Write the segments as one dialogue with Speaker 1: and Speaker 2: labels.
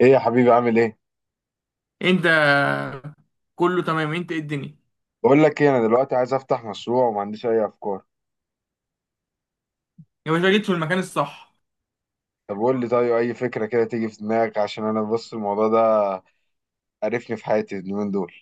Speaker 1: ايه يا حبيبي، عامل ايه؟
Speaker 2: انت؟ كله تمام، انت ايه الدنيا؟
Speaker 1: بقول لك ايه، انا دلوقتي عايز افتح مشروع وما عنديش اي افكار.
Speaker 2: يا باشا جيت في المكان الصح.
Speaker 1: طب قول لي، طيب اي فكره كده تيجي في دماغك؟ عشان انا بص، الموضوع ده قرفني في حياتي اليومين دول.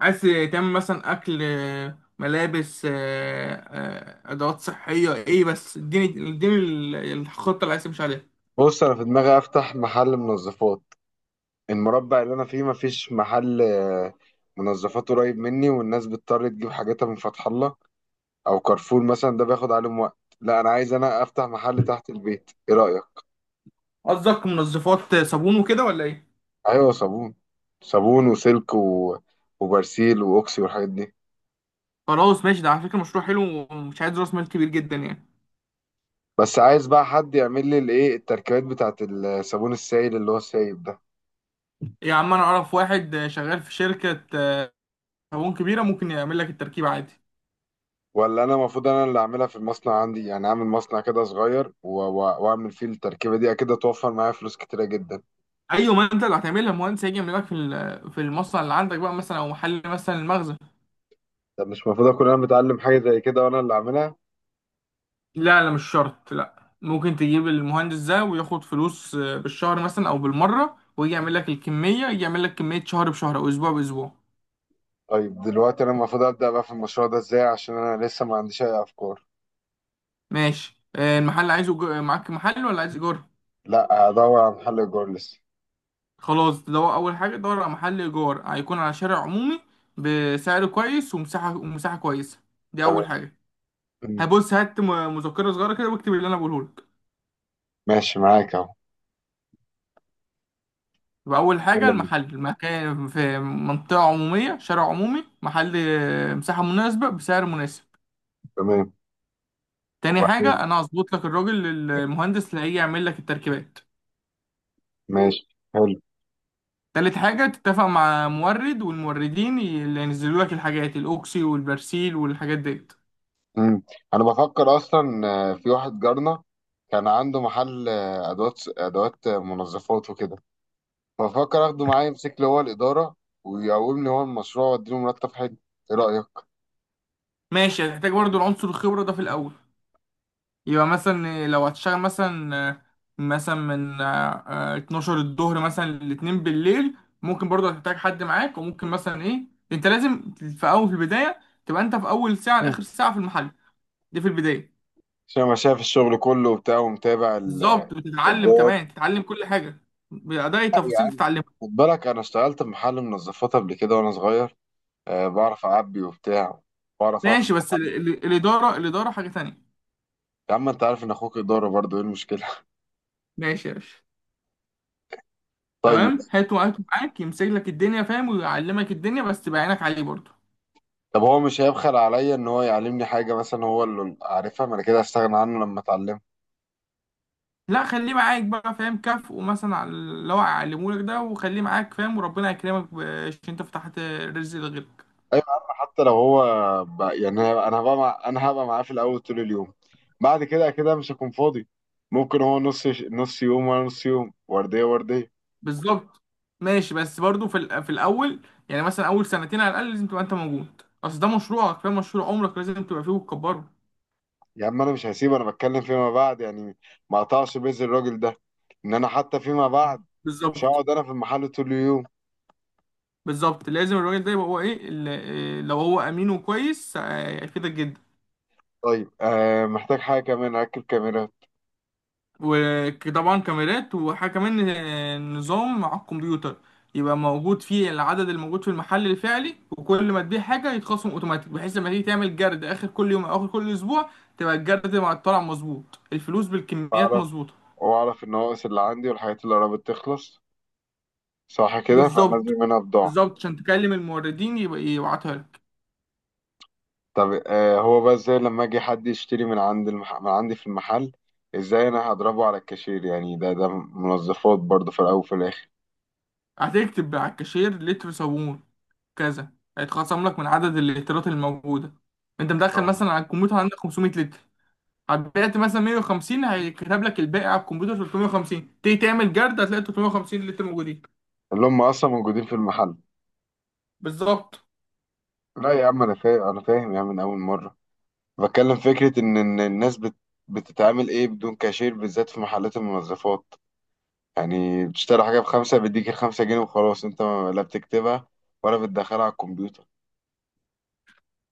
Speaker 2: عايز تعمل مثلا اكل، ملابس، ادوات صحيه، ايه بس اديني اديني الخطه اللي عايز تمشي عليها.
Speaker 1: بص، انا في دماغي افتح محل منظفات. المربع اللي انا فيه مفيش محل منظفات قريب مني، والناس بتضطر تجيب حاجاتها من فتح الله او كارفور مثلا، ده بياخد عليهم وقت. لا، انا عايز انا افتح محل تحت البيت. ايه رايك؟
Speaker 2: قصدك منظفات، صابون وكده ولا ايه؟
Speaker 1: ايوه صابون. صابون وسلك وبرسيل واوكسي والحاجات دي.
Speaker 2: خلاص ماشي، ده على فكره مشروع حلو، ومش عايز راس مال كبير جدا يعني.
Speaker 1: بس عايز بقى حد يعمل لي التركيبات بتاعت الصابون السائل اللي هو السايب ده.
Speaker 2: يا عم انا اعرف واحد، شغال في شركه صابون كبيره، ممكن يعمل لك التركيب عادي.
Speaker 1: ولا انا المفروض انا اللي اعملها في المصنع عندي؟ يعني اعمل مصنع كده صغير واعمل فيه التركيبه دي، اكيد هتوفر معايا فلوس كتيره جدا.
Speaker 2: ايوه، ما انت اللي هتعملها، المهندس هيجي يعمل لك في المصنع اللي عندك بقى، مثلا او محل مثلا المخزن.
Speaker 1: طب مش المفروض اكون انا متعلم حاجه زي كده وانا اللي اعملها؟
Speaker 2: لا لا مش شرط، لا ممكن تجيب المهندس ده وياخد فلوس، بالشهر مثلا او بالمره، ويجي يعمل لك الكميه، يجي يعمل لك كميه شهر بشهر او اسبوع باسبوع.
Speaker 1: طيب دلوقتي انا المفروض ابدا بقى في المشروع ده ازاي؟ عشان انا لسه ما عنديش اي افكار.
Speaker 2: ماشي، المحل عايزه، معاك محل ولا عايز ايجار؟
Speaker 1: لا، هدور على محل ايجار لسه.
Speaker 2: خلاص تدور، اول حاجه دور على محل ايجار، هيكون على شارع عمومي بسعر كويس، ومساحه كويسه، دي
Speaker 1: تمام.
Speaker 2: اول حاجه.
Speaker 1: مم.
Speaker 2: هبص، هات مذكره صغيره كده واكتب اللي انا بقوله لك.
Speaker 1: ماشي معاك اهو.
Speaker 2: يبقى اول حاجه
Speaker 1: يلا بينا.
Speaker 2: المحل، المكان في منطقه عموميه، شارع عمومي، محل، مساحه مناسبه بسعر مناسب.
Speaker 1: تمام.
Speaker 2: تاني
Speaker 1: وبعدين.
Speaker 2: حاجة، أنا هظبط لك الراجل المهندس اللي هيجي يعمل لك التركيبات.
Speaker 1: ماشي. حلو.
Speaker 2: تالت حاجة، تتفق مع مورد والموردين، اللي ينزلوا لك الحاجات، الأوكسي والبرسيل والحاجات ديت.
Speaker 1: مم. انا بفكر اصلا في واحد جارنا، كان عنده محل ادوات منظفات وكده. بفكر اخده معايا يمسك لي هو الاداره، ويقوم لي هو المشروع واديله مرتب حلو. ايه رايك؟
Speaker 2: ماشي، هتحتاج برضو العنصر الخبرة ده في الأول، يبقى مثلا لو هتشتغل مثلا من 12 الظهر مثلا لاتنين بالليل، ممكن برضو هتحتاج حد معاك. وممكن مثلا إيه، أنت لازم في أول في البداية تبقى أنت في أول ساعة
Speaker 1: مم.
Speaker 2: لآخر ساعة في المحل، دي في البداية.
Speaker 1: عشان انا شايف الشغل كله وبتاع، ومتابع
Speaker 2: بالظبط، بتتعلم
Speaker 1: التجار.
Speaker 2: كمان، تتعلم كل حاجه، بأداء
Speaker 1: لا يا
Speaker 2: التفاصيل
Speaker 1: عم،
Speaker 2: تتعلمها.
Speaker 1: خد بالك انا اشتغلت في محل منظفات قبل كده وانا صغير. أه بعرف اعبي وبتاع، بعرف افرق.
Speaker 2: ماشي بس ال الاداره الاداره حاجه تانية.
Speaker 1: يا عم انت عارف ان اخوك اداره برضه، ايه المشكله؟
Speaker 2: ماشي يا باشا.
Speaker 1: طيب.
Speaker 2: تمام، هاته هاته معاك، يمسك لك الدنيا فاهم، ويعلمك الدنيا، بس تبقى عينك عليه برضه.
Speaker 1: طب هو مش هيبخل عليا ان هو يعلمني حاجه مثلا هو اللي عارفها؟ ما انا كده هستغنى عنه لما اتعلمها.
Speaker 2: لا، خليه معاك بقى فاهم، كافئه مثلا على اللي هو علمه لك ده، وخليه معاك فاهم، وربنا يكرمك عشان انت فتحت رزق لغيرك.
Speaker 1: ايوه يا عم، حتى لو هو يعني انا هبقى انا هبقى معاه في الاول طول اليوم. بعد كده مش هكون فاضي. ممكن هو نص نص يوم وانا نص يوم، ورديه ورديه.
Speaker 2: بالظبط. ماشي بس برضه في الاول، يعني مثلا اول سنتين على الاقل لازم تبقى انت موجود، اصل ده مشروعك فاهم، مشروع عمرك لازم تبقى فيه وتكبره.
Speaker 1: يا عم انا مش هسيبه، انا بتكلم فيما بعد يعني. ما اقطعش بيز الراجل ده. ان انا حتى فيما بعد مش
Speaker 2: بالظبط.
Speaker 1: هقعد انا في المحل طول اليوم.
Speaker 2: بالظبط لازم الراجل ده يبقى هو ايه، لو هو امين وكويس، هيفيدك جدا.
Speaker 1: طيب محتاج حاجه كمان، اركب كاميرا.
Speaker 2: وطبعا كاميرات، وحاجه كمان، نظام على الكمبيوتر، يبقى موجود فيه العدد الموجود في المحل الفعلي، وكل ما تبيع حاجه يتخصم اوتوماتيك، بحيث لما تيجي تعمل جرد اخر كل يوم او اخر كل اسبوع، تبقى الجرد مع الطلع مظبوط، الفلوس بالكميات
Speaker 1: اعرف.
Speaker 2: مظبوطه.
Speaker 1: واعرف النواقص اللي عندي والحاجات اللي قربت تخلص، صح كده
Speaker 2: بالظبط
Speaker 1: فنزل منها بضاعة.
Speaker 2: بالظبط، عشان تكلم الموردين يبقى يبعتها لك.
Speaker 1: طب هو بقى ازاي لما اجي حد يشتري من عند من عندي في المحل؟ ازاي انا هضربه على الكاشير؟ يعني ده منظفات برضه في الاول وفي الاخر.
Speaker 2: هتكتب على الكاشير لتر صابون كذا، هيتخصم لك من عدد اللترات الموجودة. انت مدخل
Speaker 1: آه.
Speaker 2: مثلا على الكمبيوتر عندك 500 لتر، بعت مثلا 150 هيكتب لك الباقي على الكمبيوتر 350، تيجي تعمل جرد هتلاقي 350 لتر موجودين.
Speaker 1: اللي هم اصلا موجودين في المحل.
Speaker 2: بالظبط.
Speaker 1: لا يا عم، انا فاهم، انا فاهم يا عم، من اول مرة. بتكلم فكرة ان الناس بتتعامل ايه بدون كاشير، بالذات في محلات المنظفات. يعني بتشتري حاجة بخمسة، بيديك الخمسة جنيه وخلاص، انت لا بتكتبها ولا بتدخلها على الكمبيوتر.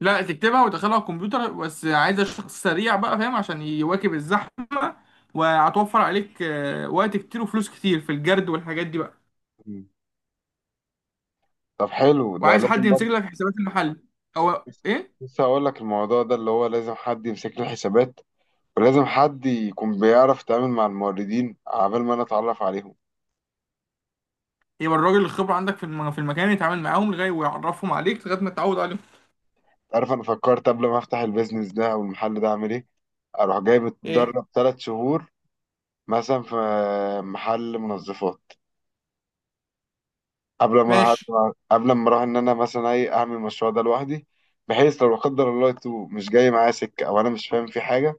Speaker 2: لا تكتبها وتدخلها على الكمبيوتر، بس عايزة شخص سريع بقى فاهم عشان يواكب الزحمة، وهتوفر عليك وقت كتير وفلوس كتير في الجرد والحاجات دي بقى.
Speaker 1: مم. طب حلو، ده
Speaker 2: وعايز حد
Speaker 1: لازم.
Speaker 2: يمسك لك حسابات المحل او
Speaker 1: بس-
Speaker 2: ايه؟
Speaker 1: لسه هقول لك، الموضوع ده اللي هو لازم حد يمسك له الحسابات، ولازم حد يكون بيعرف يتعامل مع الموردين عبال ما انا اتعرف عليهم.
Speaker 2: يبقى الراجل الخبرة عندك في المكان، يتعامل معاهم لغاية ويعرفهم عليك لغاية ما تتعود عليهم.
Speaker 1: عارف، انا فكرت قبل ما افتح البيزنس ده او المحل ده اعمل ايه، اروح جايب
Speaker 2: ايه؟
Speaker 1: اتدرب ثلاث شهور مثلا في محل منظفات. قبل ما
Speaker 2: ماشي.
Speaker 1: اروح قبل ما اروح ان انا مثلا ايه اعمل المشروع ده لوحدي، بحيث لو لا قدر الله تو مش جاي معايا سكه، او انا مش فاهم في حاجه،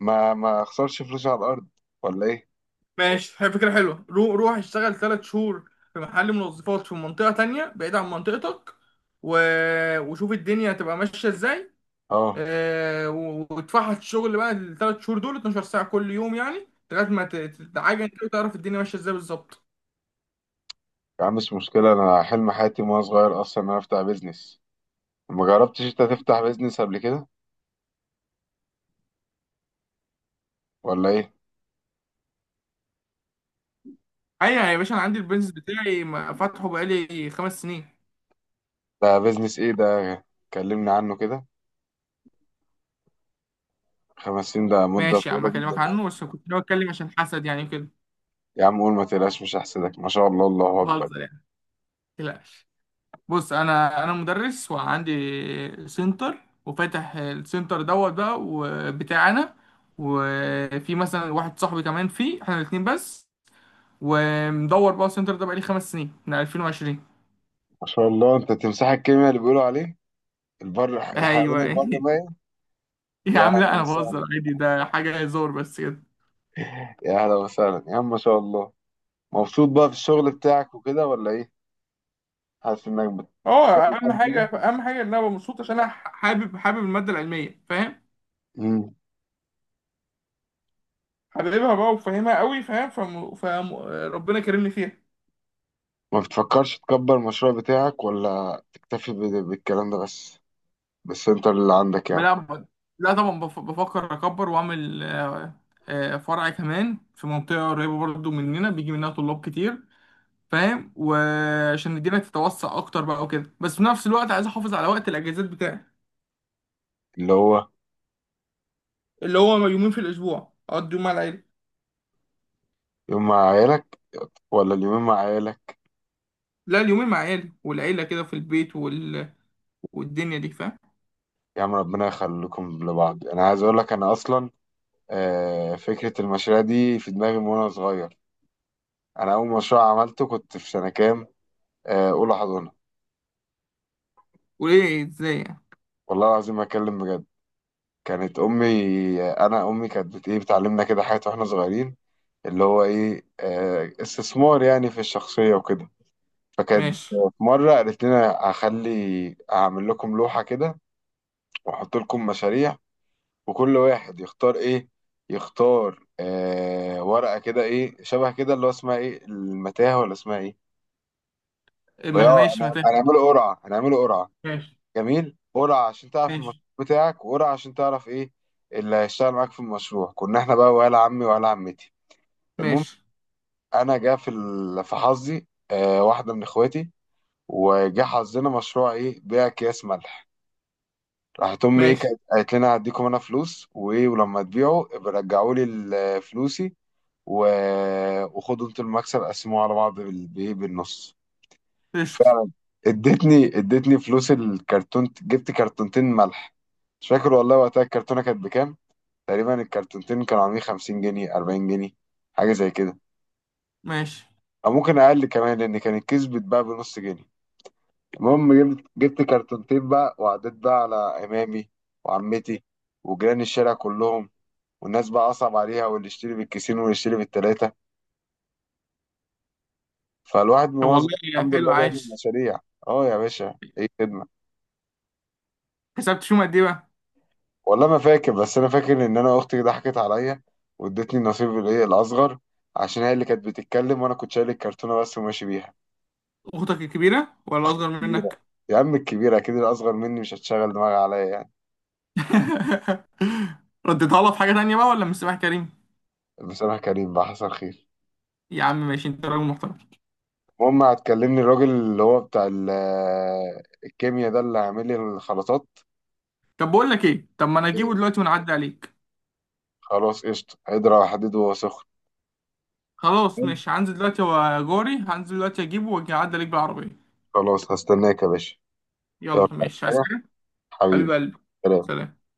Speaker 1: ما اخسرش فلوسي على الارض، ولا ايه؟
Speaker 2: ماشي، هي فكرة حلوة، روح اشتغل ثلاث شهور في محل منظفات في منطقة تانية بعيد عن منطقتك، و... وشوف الدنيا هتبقى ماشية ازاي.
Speaker 1: اه
Speaker 2: وتفحط الشغل بقى الثلاث شهور دول 12 ساعة كل يوم، يعني لغاية ما تتعجن كده وتعرف الدنيا ماشية ازاي بالظبط.
Speaker 1: يا عم، مش مشكلة. أنا حلم حياتي وأنا صغير أصلا إن أنا أفتح بيزنس. ما جربتش أنت تفتح بيزنس قبل كده ولا إيه؟
Speaker 2: ايوه يا باشا، انا عندي البيزنس بتاعي، فاتحه بقالي 5 سنين.
Speaker 1: ده بيزنس إيه ده؟ كلمني عنه كده. خمس سنين ده مدة
Speaker 2: ماشي يا عم،
Speaker 1: طويلة جدا
Speaker 2: اكلمك
Speaker 1: يعني.
Speaker 2: عنه بس كنت ناوي اتكلم عشان حسد يعني كده.
Speaker 1: يا عم قول، ما تقلقش، مش هحسدك. ما شاء الله، الله أكبر.
Speaker 2: بهزر يعني، متقلقش. بص، انا مدرس وعندي سنتر، وفاتح السنتر دوت بقى وبتاعنا، وفي مثلا واحد صاحبي كمان فيه، احنا الاتنين بس، ومدور بقى السنتر ده بقالي 5 سنين من 2020.
Speaker 1: ما شاء الله، أنت تمساح الكيمياء اللي بيقولوا عليه، البر الحيوان
Speaker 2: ايوه
Speaker 1: البر ميت.
Speaker 2: يا
Speaker 1: يا
Speaker 2: عم
Speaker 1: أهلا
Speaker 2: لا انا بهزر
Speaker 1: وسهلا،
Speaker 2: عادي، ده حاجه هزار بس كده.
Speaker 1: يا أهلا وسهلا يا عم، ما شاء الله. مبسوط بقى في الشغل بتاعك وكده ولا إيه؟ حاسس إنك
Speaker 2: اه،
Speaker 1: بتعمل
Speaker 2: اهم حاجه
Speaker 1: حاجة
Speaker 2: اهم حاجه ان انا أبقى مبسوط، عشان انا حابب حابب الماده العلميه فاهم،
Speaker 1: جديدة؟
Speaker 2: حاببها بقى وفاهمها قوي فاهم، ربنا كرمني فيها.
Speaker 1: ما بتفكرش تكبر المشروع بتاعك، ولا تكتفي بالكلام ده بس، بالسنتر اللي عندك يعني؟
Speaker 2: لا. لا طبعا، بفكر اكبر واعمل، فرع كمان في منطقه قريبه برضو مننا بيجي منها طلاب كتير فاهم، وعشان الدنيا تتوسع اكتر بقى وكده، بس في نفس الوقت عايز احافظ على وقت الاجازات بتاعي.
Speaker 1: اللي هو
Speaker 2: اللي هو، يومين في الاسبوع اقضي يوم مع العيله.
Speaker 1: يوم مع عيالك ولا اليومين مع عيالك؟
Speaker 2: لا، اليومين مع عيالي والعيله كده في البيت، والدنيا دي فاهم.
Speaker 1: يا عم ربنا يخليكم لبعض. انا عايز اقول لك، انا اصلا فكرة المشاريع دي في دماغي من وانا صغير. انا اول مشروع عملته كنت في سنة كام؟ اولى حضانة.
Speaker 2: وليه ازاي يعني؟
Speaker 1: والله العظيم ما اتكلم بجد. كانت امي، انا امي كانت بت ايه بتعلمنا كده حاجات واحنا صغيرين، اللي هو ايه استثمار يعني في الشخصية وكده. فكانت
Speaker 2: ماشي.
Speaker 1: في مرة قالت لنا: هعمل لكم لوحة كده، واحط لكم مشاريع، وكل واحد يختار ايه، يختار ورقة كده ايه، شبه كده اللي هو اسمها ايه، المتاهة ولا اسمها ايه.
Speaker 2: إيه،
Speaker 1: وياه
Speaker 2: ماشي ما تهدى.
Speaker 1: هنعمله قرعة، هنعمله قرعة.
Speaker 2: ماشي
Speaker 1: جميل. قرعة عشان تعرف المشروع
Speaker 2: ماشي
Speaker 1: بتاعك، وقرعة عشان تعرف ايه اللي هيشتغل معاك في المشروع، كنا احنا بقى ولا عمي ولا عمتي. المهم،
Speaker 2: ماشي
Speaker 1: انا جا في في حظي واحدة من اخواتي، وجا حظنا مشروع ايه بيع اكياس ملح. راحت امي ايه
Speaker 2: ماشي.
Speaker 1: كانت قالت لنا: هديكم انا فلوس وايه، ولما تبيعوا ابقى رجعوا لي فلوسي، و... وخدوا انتوا المكسب قسموه على بعض بإيه؟ بالنص.
Speaker 2: قشطة.
Speaker 1: فعلا. ادتني فلوس الكرتون، جبت كرتونتين ملح. مش فاكر والله وقتها الكرتونه كانت بكام، تقريبا الكرتونتين كانوا عاملين 50 جنيه، 40 جنيه، حاجه زي كده،
Speaker 2: ماشي.
Speaker 1: او ممكن اقل كمان لان كان الكيس بيتباع بنص جنيه. المهم، جبت كرتونتين بقى، وعديت بقى على امامي وعمتي وجيران الشارع كلهم. والناس بقى أصعب عليها، واللي يشتري بالكيسين واللي يشتري بالتلاتة. فالواحد من
Speaker 2: طب
Speaker 1: وهو صغير
Speaker 2: والله
Speaker 1: الحمد
Speaker 2: حلو،
Speaker 1: لله بيعمل
Speaker 2: عايش.
Speaker 1: مشاريع. اه يا باشا، ايه خدمة.
Speaker 2: كسبت شو قد ايه بقى؟
Speaker 1: والله ما فاكر، بس أنا فاكر إن أنا أختي ضحكت عليا، وادتني النصيب الإيه الأصغر، عشان هي اللي كانت بتتكلم وأنا كنت شايل الكرتونة بس وماشي بيها.
Speaker 2: اختك الكبيرة ولا اصغر
Speaker 1: كبيرة.
Speaker 2: منك؟
Speaker 1: يا عم الكبيرة أكيد، الأصغر مني مش هتشغل دماغي عليا يعني.
Speaker 2: رديتها لها في حاجة تانية بقى ولا من سامح كريم؟
Speaker 1: بصراحة كريم بقى، حصل خير.
Speaker 2: يا عم ماشي، انت راجل محترم.
Speaker 1: المهم، هتكلمني الراجل اللي هو بتاع الكيمياء ده اللي عامل لي الخلطات؟
Speaker 2: طب بقول لك ايه، طب ما انا اجيبه
Speaker 1: إيه؟
Speaker 2: دلوقتي ونعدي عليك.
Speaker 1: خلاص قشطة، اضرب حديد وهو سخن.
Speaker 2: خلاص ماشي، هنزل دلوقتي وجاري، هنزل دلوقتي اجيبه واجي اعدي عليك بالعربية.
Speaker 1: خلاص هستناك يا باشا.
Speaker 2: يلا
Speaker 1: يلا عايز
Speaker 2: ماشي، عايز
Speaker 1: حاجة،
Speaker 2: حاجة؟ حبيب
Speaker 1: حبيبي.
Speaker 2: قلبي.
Speaker 1: سلام.
Speaker 2: سلام.